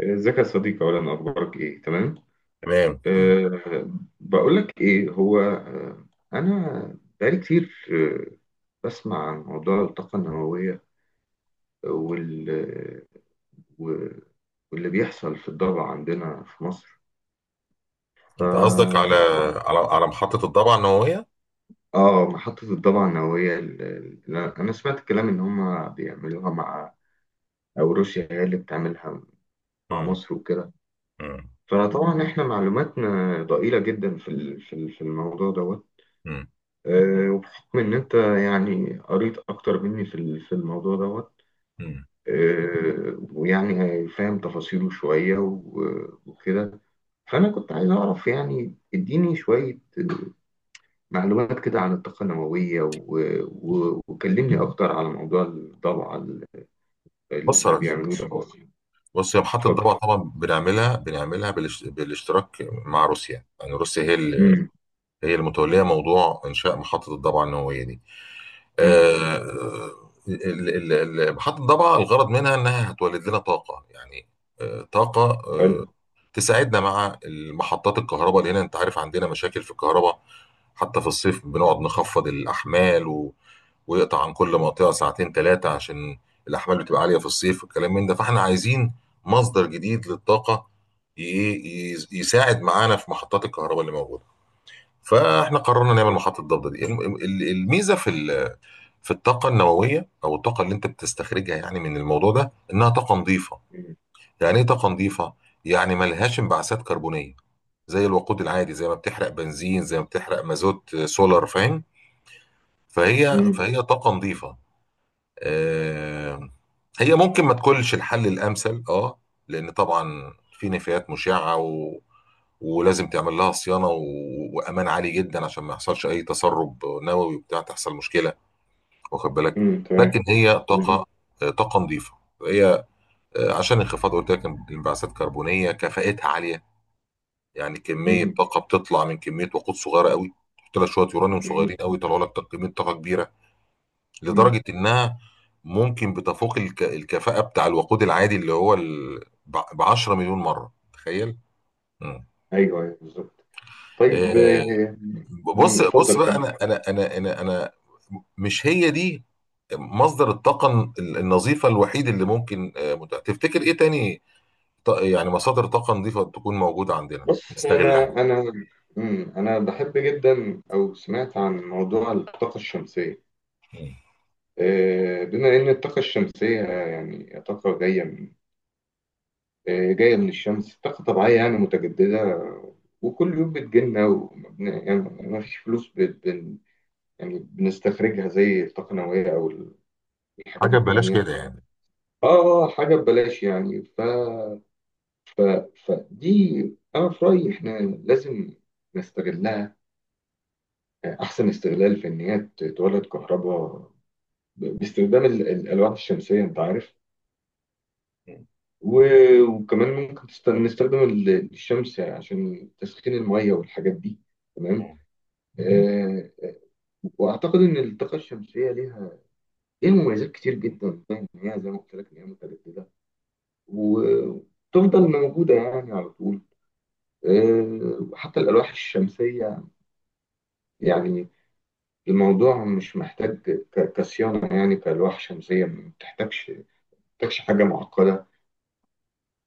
ازيك يا صديقي، اولا اخبارك ايه؟ تمام. تمام. أه. بقول لك ايه هو. انا بقالي كتير، بسمع عن موضوع الطاقه النوويه وال و- واللي بيحصل في الضبع عندنا في مصر. ف انت قصدك على محطه الضبعه النوويه؟ اه محطه الضبع النوويه. انا سمعت الكلام ان هم بيعملوها مع، او روسيا هي اللي بتعملها مع مم. مصر وكده. مم. فطبعا احنا معلوماتنا ضئيله جدا في الموضوع دوت. مم. وبحكم إن أنت يعني قريت أكتر مني في الموضوع دوت. مم. ويعني فاهم تفاصيله شوية وكده. فأنا كنت عايز أعرف، يعني اديني شوية آه، معلومات كده عن الطاقة النووية، وكلمني أكتر على موضوع الضبعة بص يا اللي ريس بيعملوه ده أصلا. بص يا محطه اتفضل. الضبعه طبعا بنعملها بالاشتراك مع روسيا. يعني روسيا امم. هي المتوليه موضوع انشاء محطه الضبعه النوويه دي. امم. آه، ال- ال- محطه الضبعه الغرض منها انها هتولد لنا طاقه، يعني طاقه آه، حلو. تساعدنا مع محطات الكهرباء اللي هنا. انت عارف عندنا مشاكل في الكهرباء، حتى في الصيف بنقعد نخفض الأحمال ويقطع عن كل منطقه ساعتين ثلاثه، عشان الاحمال بتبقى عاليه في الصيف والكلام من ده، فاحنا عايزين مصدر جديد للطاقه يساعد معانا في محطات الكهرباء اللي موجوده. فاحنا قررنا نعمل محطه ضبط دي. الميزه في الطاقه النوويه، او الطاقه اللي انت بتستخرجها يعني من الموضوع ده، انها طاقه نظيفه. امم. يعني ايه طاقه نظيفه؟ يعني ملهاش انبعاثات كربونيه زي الوقود العادي، زي ما بتحرق بنزين، زي ما بتحرق مازوت، سولار، فاهم؟ فهي امم. فهي طاقه نظيفه. آه، هي ممكن ما تكونش الحل الامثل، اه، لان طبعا في نفايات مشعه ولازم تعمل لها صيانه وامان عالي جدا عشان ما يحصلش اي تسرب نووي وبتاع تحصل مشكله، واخد بالك. امم. تمام. لكن هي امم. طاقه، طاقه نظيفه هي. عشان انخفاض قلت لك الانبعاثات الكربونيه، كفاءتها عاليه. يعني كميه امم. طاقه بتطلع من كميه وقود صغيره قوي. تحط لك شويه يورانيوم صغيرين قوي، يطلعوا لك كميه طاقه كبيره، لدرجة امم. إنها ممكن بتفوق الكفاءة بتاع الوقود العادي اللي هو ب 10 مليون مرة. تخيل. مم. أيوه، أيوه بالظبط. طيب. آه، بص بص اتفضل بقى كمل. أنا مش هي دي مصدر الطاقة النظيفة الوحيد اللي ممكن، متاح. تفتكر إيه تاني؟ يعني مصادر طاقة نظيفة تكون موجودة عندنا بص، انا نستغلها. انا انا بحب جدا، او سمعت عن موضوع الطاقه الشمسيه. مم. بما ان الطاقه الشمسيه يعني طاقه جايه من آه، جايه من الشمس، طاقه طبيعيه يعني متجدده. وكل يوم بتجيلنا. يعني ما فيش فلوس. بت- بن يعني بنستخرجها زي الطاقه النوويه او الحاجات حاجة ببلاش التانيه، كده اه. يعني. حاجه ببلاش يعني. ف... فدي، أنا في رأيي إحنا لازم نستغلها أحسن استغلال، في إن هي تولد كهرباء باستخدام الألواح الشمسية، أنت عارف. وكمان ممكن نستخدم الشمس عشان تسخين المية والحاجات دي. تمام. مم. آه وأعتقد إن الطاقة الشمسية ليها مميزات كتير جدا، يعني إن هي زي ما قلت لك إن هي متجددة وتفضل موجودة يعني على طول. وحتى الألواح الشمسية، يعني الموضوع مش محتاج كصيانة، يعني كألواح شمسية ما بتحتاجش حاجة معقدة،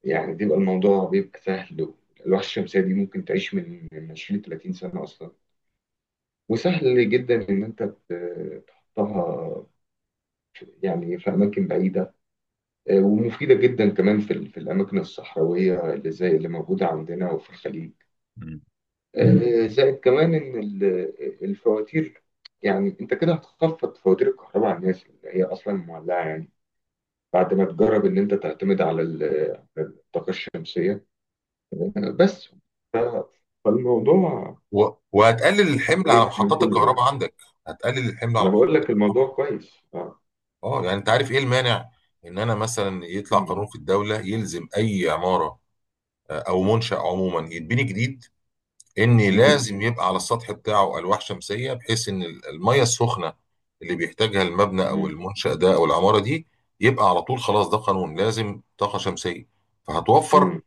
يعني بيبقى الموضوع بيبقى سهل. الألواح الشمسية دي ممكن تعيش من 20 30 سنة أصلا. وسهل جدا إن أنت تحطها يعني في أماكن بعيدة. ومفيدة جدا كمان في الأماكن الصحراوية اللي زي اللي موجودة عندنا وفي الخليج. مم. زائد كمان إن الفواتير، يعني أنت كده هتخفض فواتير الكهرباء على الناس اللي هي أصلا معلقة، يعني بعد ما تجرب ان انت تعتمد على الطاقه الشمسيه بس. ف- فالموضوع وهتقلل الحمل على كويس من محطات كله يعني. الكهرباء عندك. هتقلل الحمل على انا محطات بقول لك الكهرباء. الموضوع كويس، اه. اه يعني انت عارف ايه المانع ان انا مثلا يطلع مم. قانون في الدوله يلزم اي عماره، او منشا عموما يتبني جديد، ان مم. لازم يبقى على السطح بتاعه الواح شمسيه، بحيث ان الميه السخنه اللي بيحتاجها المبنى او مم. المنشا ده او العماره دي يبقى على طول. خلاص ده قانون، لازم طاقه شمسيه. فهتوفر مم.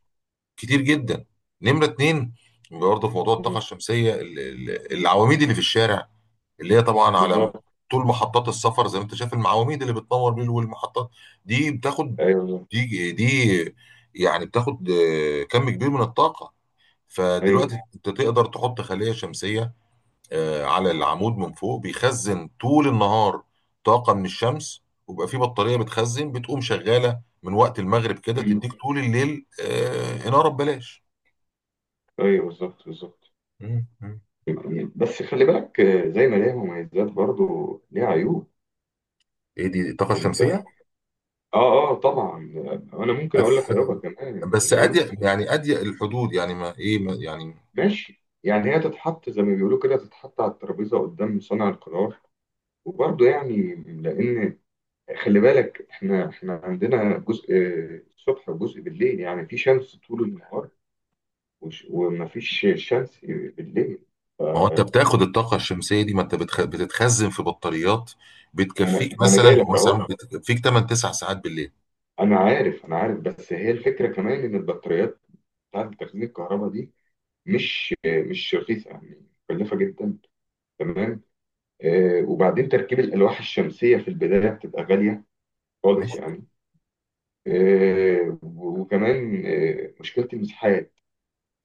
كتير جدا. نمره اتنين برضه في موضوع الطاقه مم. الشمسيه، العواميد اللي في الشارع اللي هي طبعا على بالظبط. طول محطات السفر، زي ما انت شايف المعواميد اللي بتنور بيه والمحطات، دي بتاخد، ايوه، بالظبط. دي يعني بتاخد كم كبير من الطاقة. ايوه. فدلوقتي انت تقدر تحط خلية شمسية، على العمود من فوق، بيخزن طول النهار طاقة من الشمس، ويبقى في بطارية بتخزن، بتقوم شغالة من وقت المغرب كده، مم. تديك طول الليل إنارة ببلاش. ايوه، بالظبط، بالظبط. مم. مم. يعني بس خلي بالك، زي ما ليها مميزات، برضو ليها عيوب. ايه دي الطاقة انت. الشمسية؟ اه، اه، طبعا. انا ممكن اقول لك أف- عيوبها كمان. بس العيوب، اضيق يعني اضيق الحدود، يعني ما ايه ما يعني. ماشي يعني، هي تتحط زي ما بيقولوا كده، تتحط على الترابيزه قدام صانع القرار. وبرضه يعني، لان خلي بالك احنا عندنا جزء الصبح وجزء بالليل. يعني في شمس طول النهار ومفيش شمس بالليل. ف- ما هو انت بتاخد الطاقه الشمسيه دي، ما انت بتتخزن في بطاريات، بتكفيك ما أنا جاي مثلا، هو لك اهو. بتكفيك 8 9 ساعات بالليل. انا عارف، انا عارف. بس هي الفكره كمان ان البطاريات بتاعت تخزين الكهرباء دي مش رخيصه، يعني مكلفه جدا. تمام. وبعدين تركيب الالواح الشمسيه في البدايه بتبقى غاليه خالص ماشي. يعني. وكمان، مشكلة المساحات.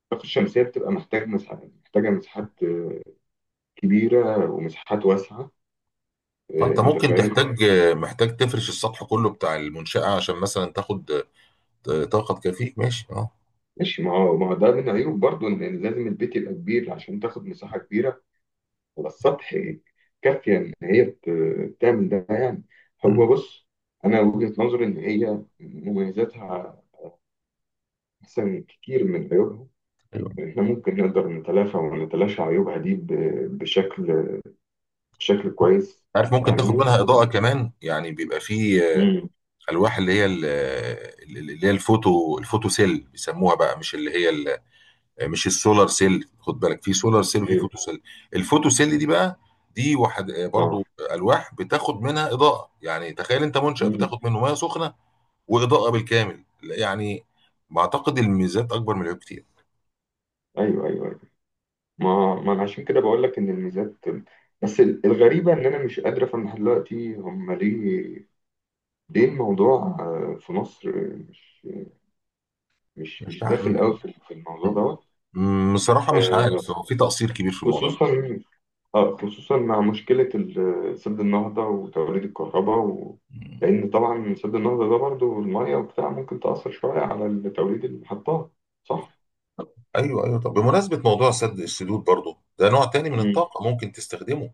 الطاقة الشمسية بتبقى محتاج مساحات، محتاجة مساحات كبيرة، ومساحات واسعة. فانت أنت ممكن فاهم؟ تحتاج، محتاج تفرش السطح كله بتاع المنشاه عشان مثلا تاخد طاقه تكفيك. ماشي، اه. ماشي. ما هو، ما هو ده من عيوب برضو، إن لازم البيت يبقى كبير عشان تاخد مساحة كبيرة على السطح كافية إن هي تعمل ده يعني. هو بص، أنا وجهة نظري إن هي مميزاتها أحسن كتير من عيوبها. ايوه إحنا ممكن نقدر نتلافى ونتلاشى عيوبها دي بشكل، كويس عارف، ممكن يعني. تاخد منها اضاءه كمان، يعني بيبقى في امم. الواح اللي هي الفوتو سيل بيسموها بقى، مش اللي هي، مش السولار سيل. خد بالك، في سولار سيل وفي ايوه. فوتو سيل. الفوتو سيل دي بقى دي واحد، اه. برضو الواح بتاخد منها اضاءه. يعني تخيل انت منشأ امم. بتاخد منه ميه سخنه واضاءه بالكامل، يعني بعتقد الميزات اكبر من العيوب كتير. ايوه، ايوه، ايوه. ما ما انا عشان كده بقول لك ان الميزات. بس الغريبه ان انا مش قادر افهم لحد دلوقتي هم ليه، ليه الموضوع في مصر مش مش مش مش بع... داخل م- قوي في الموضوع دوت. م- بصراحه مش آه، عارف، هو في تقصير كبير في الموضوع. خصوصا، اه، خصوصا مع مشكله سد النهضه وتوليد الكهرباء. مم. لان طبعا سد النهضه ده برضو الميه وبتاع ممكن تاثر شويه على توليد المحطات، صح؟ ايوه ايوه. طب بمناسبه موضوع سد السدود برضو، ده نوع تاني من الطاقه ممكن تستخدمه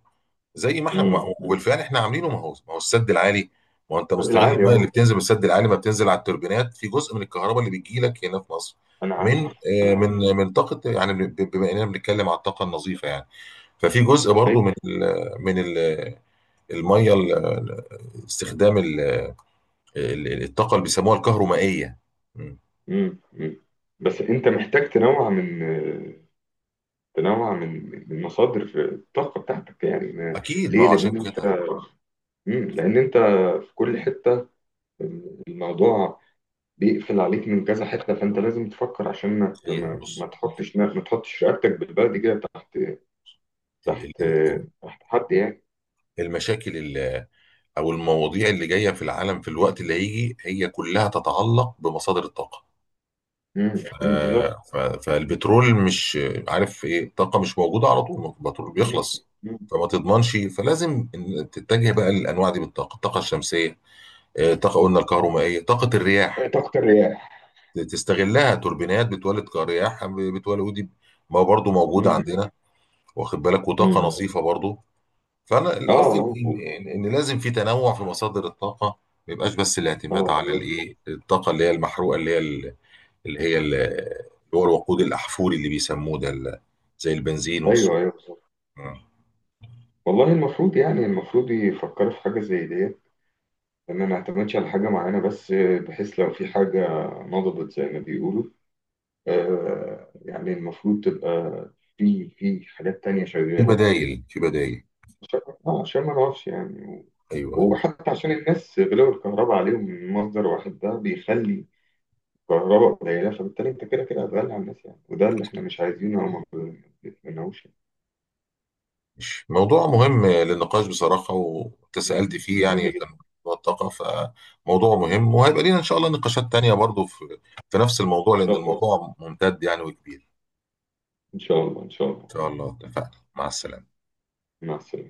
زي ما احنا امم. وبالفعل احنا عاملينه، ما هو السد العالي. ما هو انت مستغل بالعادي، الميه اللي اه. بتنزل من السد العالي، ما بتنزل على التوربينات في جزء من الكهرباء اللي بتجي لك هنا في مصر، انا من عارف، انا من عارف. من طاقه يعني، بما اننا بنتكلم على الطاقه النظيفه، يعني ففي جزء برضو ايوه. من ال من ال الميه، استخدام الطاقه اللي بيسموها الكهرومائيه. مم. امم. أمم. بس انت محتاج تنوع من مصادر الطاقه بتاعتك يعني. اكيد ما ليه؟ هو عشان لان انت. كده. لان انت في كل حته الموضوع بيقفل عليك من كذا حته. فانت لازم تفكر عشان ما ت- هي ما ما بص تحطش ما تحطش رقبتك بالبلدي كده تحت، ال- تحت ال- تحت حد يعني. المشاكل او المواضيع اللي جايه في العالم في الوقت اللي هيجي، هي كلها تتعلق بمصادر الطاقه. امم. أمم، بالظبط. فالبترول مش عارف ايه، الطاقه مش موجوده على طول، البترول أمم. بيخلص. أمم. فما تضمنش، فلازم إن تتجه بقى للانواع دي، بالطاقه الطاقه الشمسيه، الطاقه قلنا الكهرومائيه، طاقه الرياح طاقه الرياح. تستغلها توربينات بتولد كرياح بتولد، ودي ما برضو موجوده امم. عندنا، واخد بالك. وطاقه أمم. نظيفه برضو. فانا القصدي اه، ان اه. إن لازم في تنوع في مصادر الطاقه، ما يبقاش بس الاعتماد على بالظبط. الايه، الطاقه اللي هي المحروقه اللي هو الوقود الاحفوري اللي بيسموه ده، زي البنزين والسوء. ايوه، ايوه بالظبط. والله، المفروض يعني يفكروا في حاجه زي ديت. ان ما نعتمدش على حاجه معينه بس، بحيث لو في حاجه نضبط زي ما بيقولوا. يعني المفروض تبقى في حاجات تانية في شغاله، بدايل في بدايل. عشان، عشان ما نقفش يعني. ايوه. وحتى عشان الناس غلاوه الكهرباء عليهم من مصدر واحد ده بيخلي الكهرباء قليله، فبالتالي انت كده كده هتغلي على الناس يعني. وده اللي احنا مش عايزينه او ما بنتمناهوش يعني. مش موضوع مهم للنقاش بصراحه وتسألت مم. فيه مهم يعني، كان جدا. موضوع الطاقه، فموضوع مهم، وهيبقى لينا ان شاء الله نقاشات تانية برضو في في نفس الموضوع، ان لان شاء الله، الموضوع ممتد يعني وكبير. ان شاء الله، ان شاء الله. ان شاء الله اتفقنا. مع السلامه. مع السلامه.